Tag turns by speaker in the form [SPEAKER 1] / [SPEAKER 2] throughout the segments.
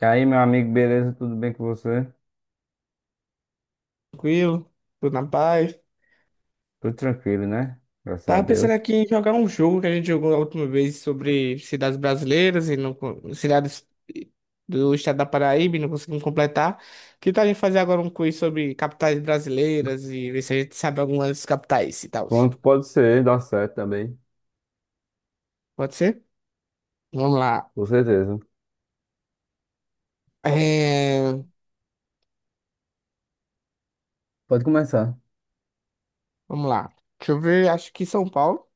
[SPEAKER 1] E aí, meu amigo, beleza? Tudo bem com você?
[SPEAKER 2] Tranquilo, tudo na paz.
[SPEAKER 1] Tudo tranquilo, né? Graças a
[SPEAKER 2] Tava pensando
[SPEAKER 1] Deus.
[SPEAKER 2] aqui em jogar um jogo que a gente jogou a última vez sobre cidades brasileiras e não, cidades do estado da Paraíba, e não conseguimos completar. Que tal a gente fazer agora um quiz sobre capitais brasileiras e ver se a gente sabe algumas capitais e tal?
[SPEAKER 1] Pronto, pode ser, dá certo também,
[SPEAKER 2] Pode ser? Vamos lá.
[SPEAKER 1] com certeza.
[SPEAKER 2] É,
[SPEAKER 1] Pode começar.
[SPEAKER 2] vamos lá. Deixa eu ver, acho que São Paulo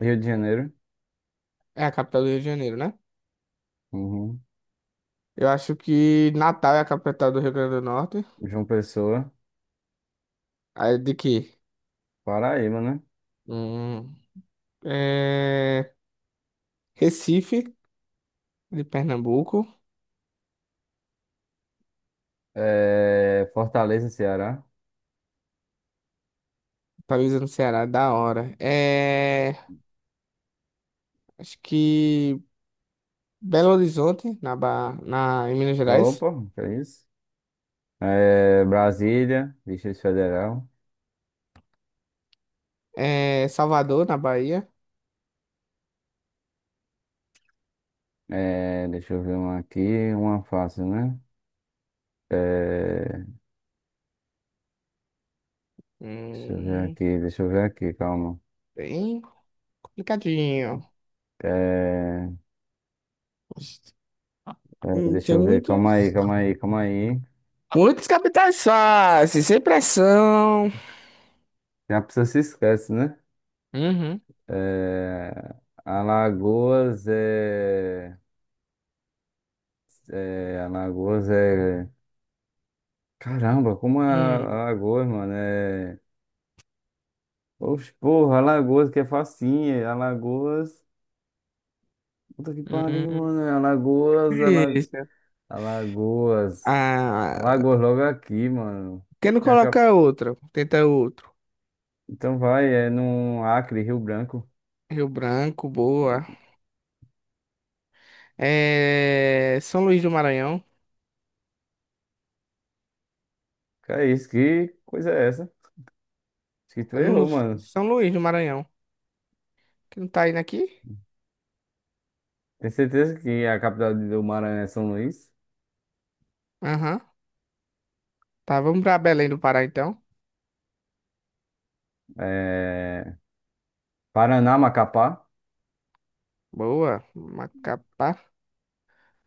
[SPEAKER 1] Rio de Janeiro.
[SPEAKER 2] é a capital do Rio de Janeiro, né?
[SPEAKER 1] Uhum.
[SPEAKER 2] Eu acho que Natal é a capital do Rio Grande do Norte.
[SPEAKER 1] João Pessoa,
[SPEAKER 2] Aí de quê?
[SPEAKER 1] Paraíba, né?
[SPEAKER 2] Hum, é, Recife, de Pernambuco.
[SPEAKER 1] É, Fortaleza, Ceará.
[SPEAKER 2] Talvez no Ceará, da hora. É, acho que Belo Horizonte, na, na... em Minas Gerais.
[SPEAKER 1] Opa, que é isso? É, Brasília, Distrito Federal.
[SPEAKER 2] É, Salvador, na Bahia.
[SPEAKER 1] É, deixa eu ver uma aqui, uma fácil, né? É,
[SPEAKER 2] Hum,
[SPEAKER 1] deixa eu ver aqui, calma.
[SPEAKER 2] bem complicadinho.
[SPEAKER 1] Calma, calma, calma. É, é, deixa
[SPEAKER 2] Tem
[SPEAKER 1] eu ver, calma aí,
[SPEAKER 2] muitos.
[SPEAKER 1] calma aí, calma aí.
[SPEAKER 2] Muitos capitais fáceis, sem pressão.
[SPEAKER 1] Já a pessoa se esquece, né?
[SPEAKER 2] Uhum.
[SPEAKER 1] É, Alagoas é. É. Alagoas é. Caramba, como é
[SPEAKER 2] Hum.
[SPEAKER 1] Alagoas, mano? É. Oxe, porra, Alagoas que é facinha. Alagoas. Puta que pariu,
[SPEAKER 2] Hum.
[SPEAKER 1] mano. É Alagoas,
[SPEAKER 2] Difícil.
[SPEAKER 1] Alagoas.
[SPEAKER 2] Ah,
[SPEAKER 1] Alagoas logo aqui, mano.
[SPEAKER 2] por que não
[SPEAKER 1] Tem a cap-
[SPEAKER 2] coloca outro? Tenta outro.
[SPEAKER 1] Então vai, é no Acre, Rio Branco.
[SPEAKER 2] Rio Branco, boa. É... São Luís do Maranhão.
[SPEAKER 1] Que é isso? Que coisa é essa? Acho que tu
[SPEAKER 2] É
[SPEAKER 1] errou,
[SPEAKER 2] no
[SPEAKER 1] mano.
[SPEAKER 2] São Luís do Maranhão. Que não tá indo aqui?
[SPEAKER 1] Tem certeza que a capital do Maranhão é São Luís?
[SPEAKER 2] Aham. Tá, vamos pra Belém do Pará então.
[SPEAKER 1] É, Paraná, Macapá.
[SPEAKER 2] Boa. Macapá.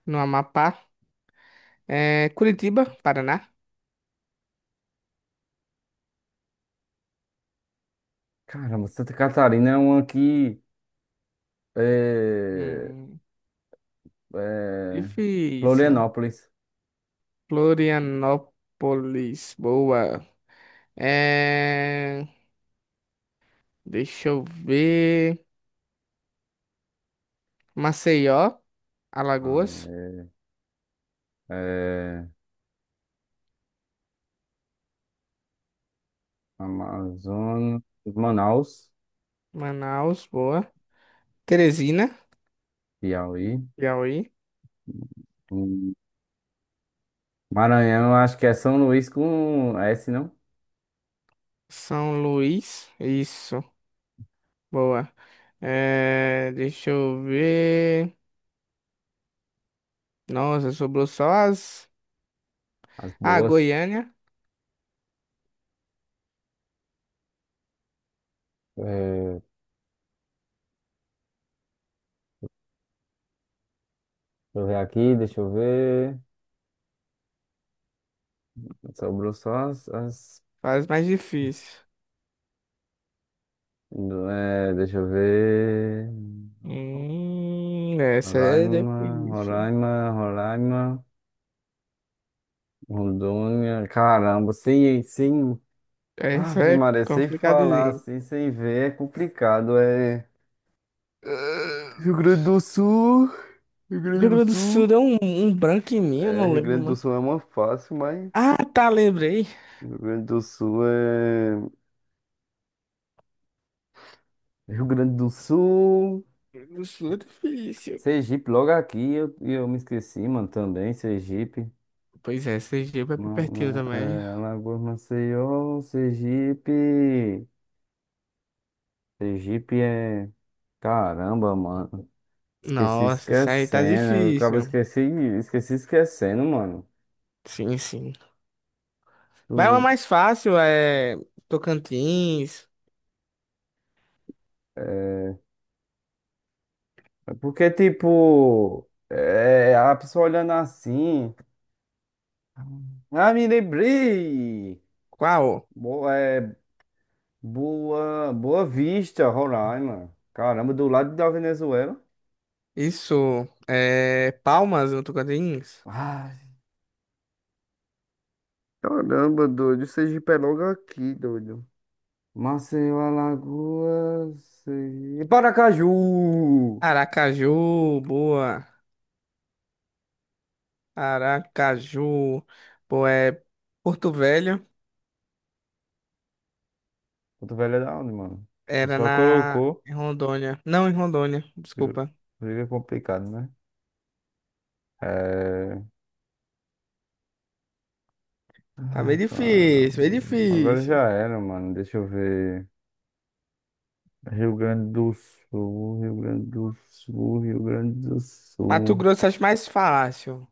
[SPEAKER 2] No Amapá. É... Curitiba, Paraná.
[SPEAKER 1] Caramba, Santa Catarina é um aqui. É,
[SPEAKER 2] Hum,
[SPEAKER 1] é,
[SPEAKER 2] difícil.
[SPEAKER 1] Florianópolis.
[SPEAKER 2] Florianópolis. Boa. É... Deixa eu ver. Maceió, Alagoas.
[SPEAKER 1] Ah, é, é, Amazonas, Manaus,
[SPEAKER 2] Manaus, boa. Teresina,
[SPEAKER 1] Piauí.
[SPEAKER 2] Piauí.
[SPEAKER 1] Hum, Maranhão, eu acho que é São Luís com S, não?
[SPEAKER 2] São Luís. Isso. Boa. É, deixa eu ver. Nossa, sobrou só as.
[SPEAKER 1] As
[SPEAKER 2] Ah,
[SPEAKER 1] boas.
[SPEAKER 2] Goiânia.
[SPEAKER 1] É, deixa eu ver aqui, deixa eu ver. Sobrou só
[SPEAKER 2] Faz mais difícil.
[SPEAKER 1] é, deixa eu ver.
[SPEAKER 2] Essa é
[SPEAKER 1] Roraima,
[SPEAKER 2] difícil.
[SPEAKER 1] Roraima, Roraima. Rondônia, caramba, sem, sem,
[SPEAKER 2] Essa
[SPEAKER 1] Ave
[SPEAKER 2] é
[SPEAKER 1] Maria, sem falar
[SPEAKER 2] complicadinha.
[SPEAKER 1] assim, sem ver, é complicado, é.
[SPEAKER 2] Ah,
[SPEAKER 1] Rio Grande do Sul, Rio
[SPEAKER 2] o
[SPEAKER 1] Grande
[SPEAKER 2] Rio
[SPEAKER 1] do
[SPEAKER 2] Grande do Sul
[SPEAKER 1] Sul,
[SPEAKER 2] é um, um branco em mim, eu
[SPEAKER 1] é,
[SPEAKER 2] não
[SPEAKER 1] Rio
[SPEAKER 2] lembro,
[SPEAKER 1] Grande do
[SPEAKER 2] mano.
[SPEAKER 1] Sul é uma fácil, mas
[SPEAKER 2] Ah, tá, lembrei.
[SPEAKER 1] Rio Grande do Sul é. Rio Grande do Sul,
[SPEAKER 2] Rio Grande do Sul é difícil.
[SPEAKER 1] Sergipe, logo aqui, e eu me esqueci, mano, também, Sergipe,
[SPEAKER 2] Pois é, Sergipe é pertinho também.
[SPEAKER 1] É, Alagoas, Maceió, Sergipe, Sergipe é. Caramba, mano. Esqueci
[SPEAKER 2] Nossa, isso aí tá
[SPEAKER 1] esquecendo. Eu acabo
[SPEAKER 2] difícil.
[SPEAKER 1] esqueci, esqueci esquecendo, mano.
[SPEAKER 2] Sim, sim. Vai uma
[SPEAKER 1] Tu-
[SPEAKER 2] mais fácil, é Tocantins.
[SPEAKER 1] É porque, tipo, é, a pessoa olhando assim. Ah, me lembrei!
[SPEAKER 2] Qual?
[SPEAKER 1] Boa, é, boa, Boa Vista, Roraima. Caramba, do lado da Venezuela.
[SPEAKER 2] Isso, é Palmas, Tocantins.
[SPEAKER 1] Ai, caramba, doido, o Sergipe é logo aqui, doido. Maceió, Alagoas. E Paracaju!
[SPEAKER 2] Aracaju, boa. Aracaju, boa, é Porto Velho,
[SPEAKER 1] Cotovelo é da onde, mano? Tu
[SPEAKER 2] era
[SPEAKER 1] só
[SPEAKER 2] na
[SPEAKER 1] colocou.
[SPEAKER 2] em Rondônia. Não, em Rondônia,
[SPEAKER 1] Fica
[SPEAKER 2] desculpa.
[SPEAKER 1] fica complicado, né? É.
[SPEAKER 2] Tá meio
[SPEAKER 1] Ai, cara.
[SPEAKER 2] difícil, meio
[SPEAKER 1] Agora
[SPEAKER 2] difícil.
[SPEAKER 1] já era, mano. Deixa eu ver. Rio Grande do Sul, Rio Grande do Sul, Rio Grande do
[SPEAKER 2] Mato
[SPEAKER 1] Sul,
[SPEAKER 2] Grosso acho mais fácil.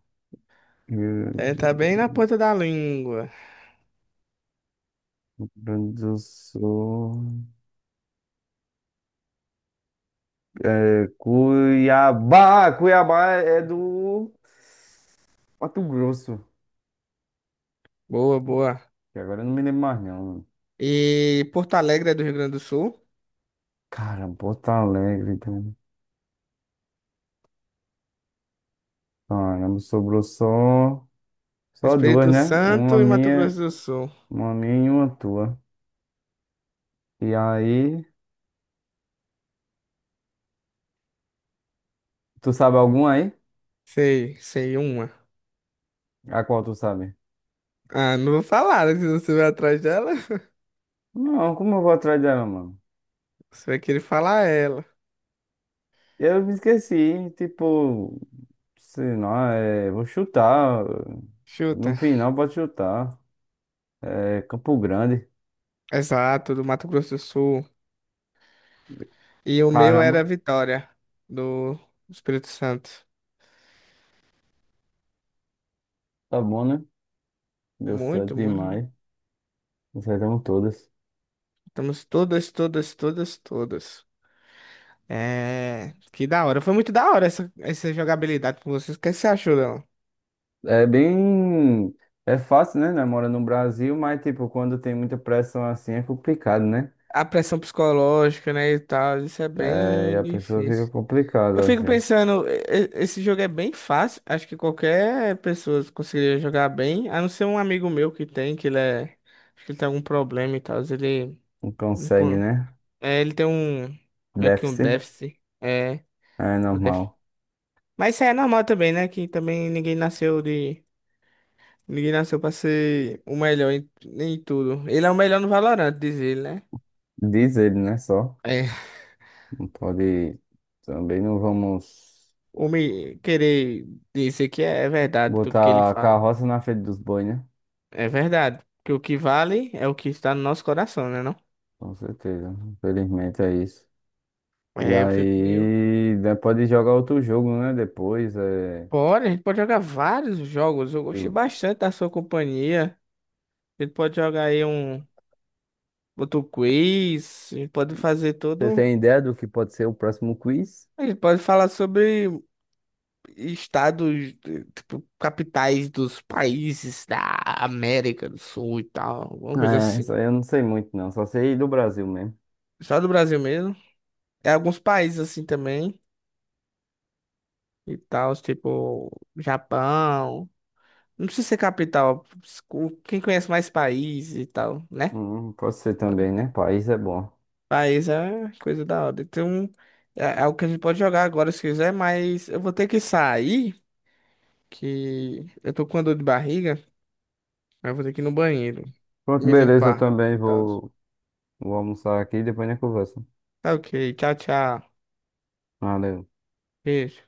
[SPEAKER 1] Rio
[SPEAKER 2] É, tá bem na ponta da língua.
[SPEAKER 1] Grande do Sul. É, Cuiabá! Cuiabá é do Mato Grosso.
[SPEAKER 2] Boa, boa.
[SPEAKER 1] Que agora eu não me lembro mais, não.
[SPEAKER 2] E Porto Alegre é do Rio Grande do Sul,
[SPEAKER 1] Caramba, Porto Alegre, cara. Caramba, sobrou só duas,
[SPEAKER 2] Espírito
[SPEAKER 1] né? Uma
[SPEAKER 2] Santo e Mato
[SPEAKER 1] minha,
[SPEAKER 2] Grosso do Sul.
[SPEAKER 1] uma minha e uma tua. E aí, tu sabe alguma aí?
[SPEAKER 2] Sei, sei uma.
[SPEAKER 1] A qual tu sabe?
[SPEAKER 2] Ah, não vou falar, né, que se você vai atrás dela.
[SPEAKER 1] Não, como eu vou atrás dela, mano?
[SPEAKER 2] Você vai querer falar ela.
[SPEAKER 1] Eu me esqueci, tipo, sei lá, é, vou chutar. No
[SPEAKER 2] Chuta.
[SPEAKER 1] final pode chutar. É Campo Grande.
[SPEAKER 2] Exato, do Mato Grosso do Sul. E o meu
[SPEAKER 1] Caramba,
[SPEAKER 2] era Vitória, do Espírito Santo.
[SPEAKER 1] tá bom, né? Deu certo
[SPEAKER 2] Muito, muito.
[SPEAKER 1] demais. Acertamos todas.
[SPEAKER 2] Estamos todas, todas, todas, todas. É. Que da hora. Foi muito da hora essa, essa jogabilidade com vocês. O que você achou dela?
[SPEAKER 1] É bem. É fácil, né? Mora no Brasil, mas, tipo, quando tem muita pressão assim é complicado, né?
[SPEAKER 2] A pressão psicológica, né, e tal. Isso é
[SPEAKER 1] É, e
[SPEAKER 2] bem
[SPEAKER 1] a pessoa fica
[SPEAKER 2] difícil. Eu
[SPEAKER 1] complicada,
[SPEAKER 2] fico
[SPEAKER 1] assim.
[SPEAKER 2] pensando, esse jogo é bem fácil. Acho que qualquer pessoa conseguiria jogar bem, a não ser um amigo meu que tem, que ele é. Acho que ele tem algum problema e tal. Ele.
[SPEAKER 1] Não
[SPEAKER 2] Não
[SPEAKER 1] consegue,
[SPEAKER 2] con-
[SPEAKER 1] né?
[SPEAKER 2] É, ele tem um. Meio que um
[SPEAKER 1] Déficit.
[SPEAKER 2] déficit. É,
[SPEAKER 1] É
[SPEAKER 2] um déficit.
[SPEAKER 1] normal.
[SPEAKER 2] Mas isso aí é normal também, né? Que também ninguém nasceu de. Ninguém nasceu pra ser o melhor em, em tudo. Ele é o melhor no Valorant, diz ele, né?
[SPEAKER 1] Diz ele, né? Só.
[SPEAKER 2] É.
[SPEAKER 1] Não pode. Também não vamos
[SPEAKER 2] O me querer dizer que é verdade tudo que ele
[SPEAKER 1] botar a
[SPEAKER 2] fala.
[SPEAKER 1] carroça na frente dos bois, né?
[SPEAKER 2] É verdade. Porque o que vale é o que está no nosso coração, né, não?
[SPEAKER 1] Com certeza. Infelizmente é isso. E
[SPEAKER 2] É, eu fico meio.
[SPEAKER 1] aí, né, pode jogar outro jogo, né? Depois.
[SPEAKER 2] Bora, a gente pode jogar vários jogos. Eu gostei
[SPEAKER 1] Eu-
[SPEAKER 2] bastante da sua companhia. A gente pode jogar aí um outro quiz. A gente pode fazer
[SPEAKER 1] Você
[SPEAKER 2] todo.
[SPEAKER 1] tem ideia do que pode ser o próximo quiz?
[SPEAKER 2] A gente pode falar sobre estados, eh, tipo, capitais dos países da América do Sul e tal. Alguma coisa
[SPEAKER 1] É,
[SPEAKER 2] assim.
[SPEAKER 1] isso aí eu não sei muito, não. Só sei do Brasil mesmo.
[SPEAKER 2] Só do Brasil mesmo. É alguns países assim também. E tal, tipo, Japão. Não precisa ser capital. Quem conhece mais país e tal, né?
[SPEAKER 1] Pode ser também, né? País é bom.
[SPEAKER 2] País é coisa da hora. Então, é o que a gente pode jogar agora se quiser, mas eu vou ter que sair, que eu tô com uma dor de barriga. Aí eu vou ter que ir no banheiro,
[SPEAKER 1] Pronto,
[SPEAKER 2] me
[SPEAKER 1] beleza. Eu
[SPEAKER 2] limpar
[SPEAKER 1] também
[SPEAKER 2] e tal.
[SPEAKER 1] vou almoçar aqui e depois a gente conversa.
[SPEAKER 2] Tá ok, tchau, tchau.
[SPEAKER 1] Valeu.
[SPEAKER 2] Beijo.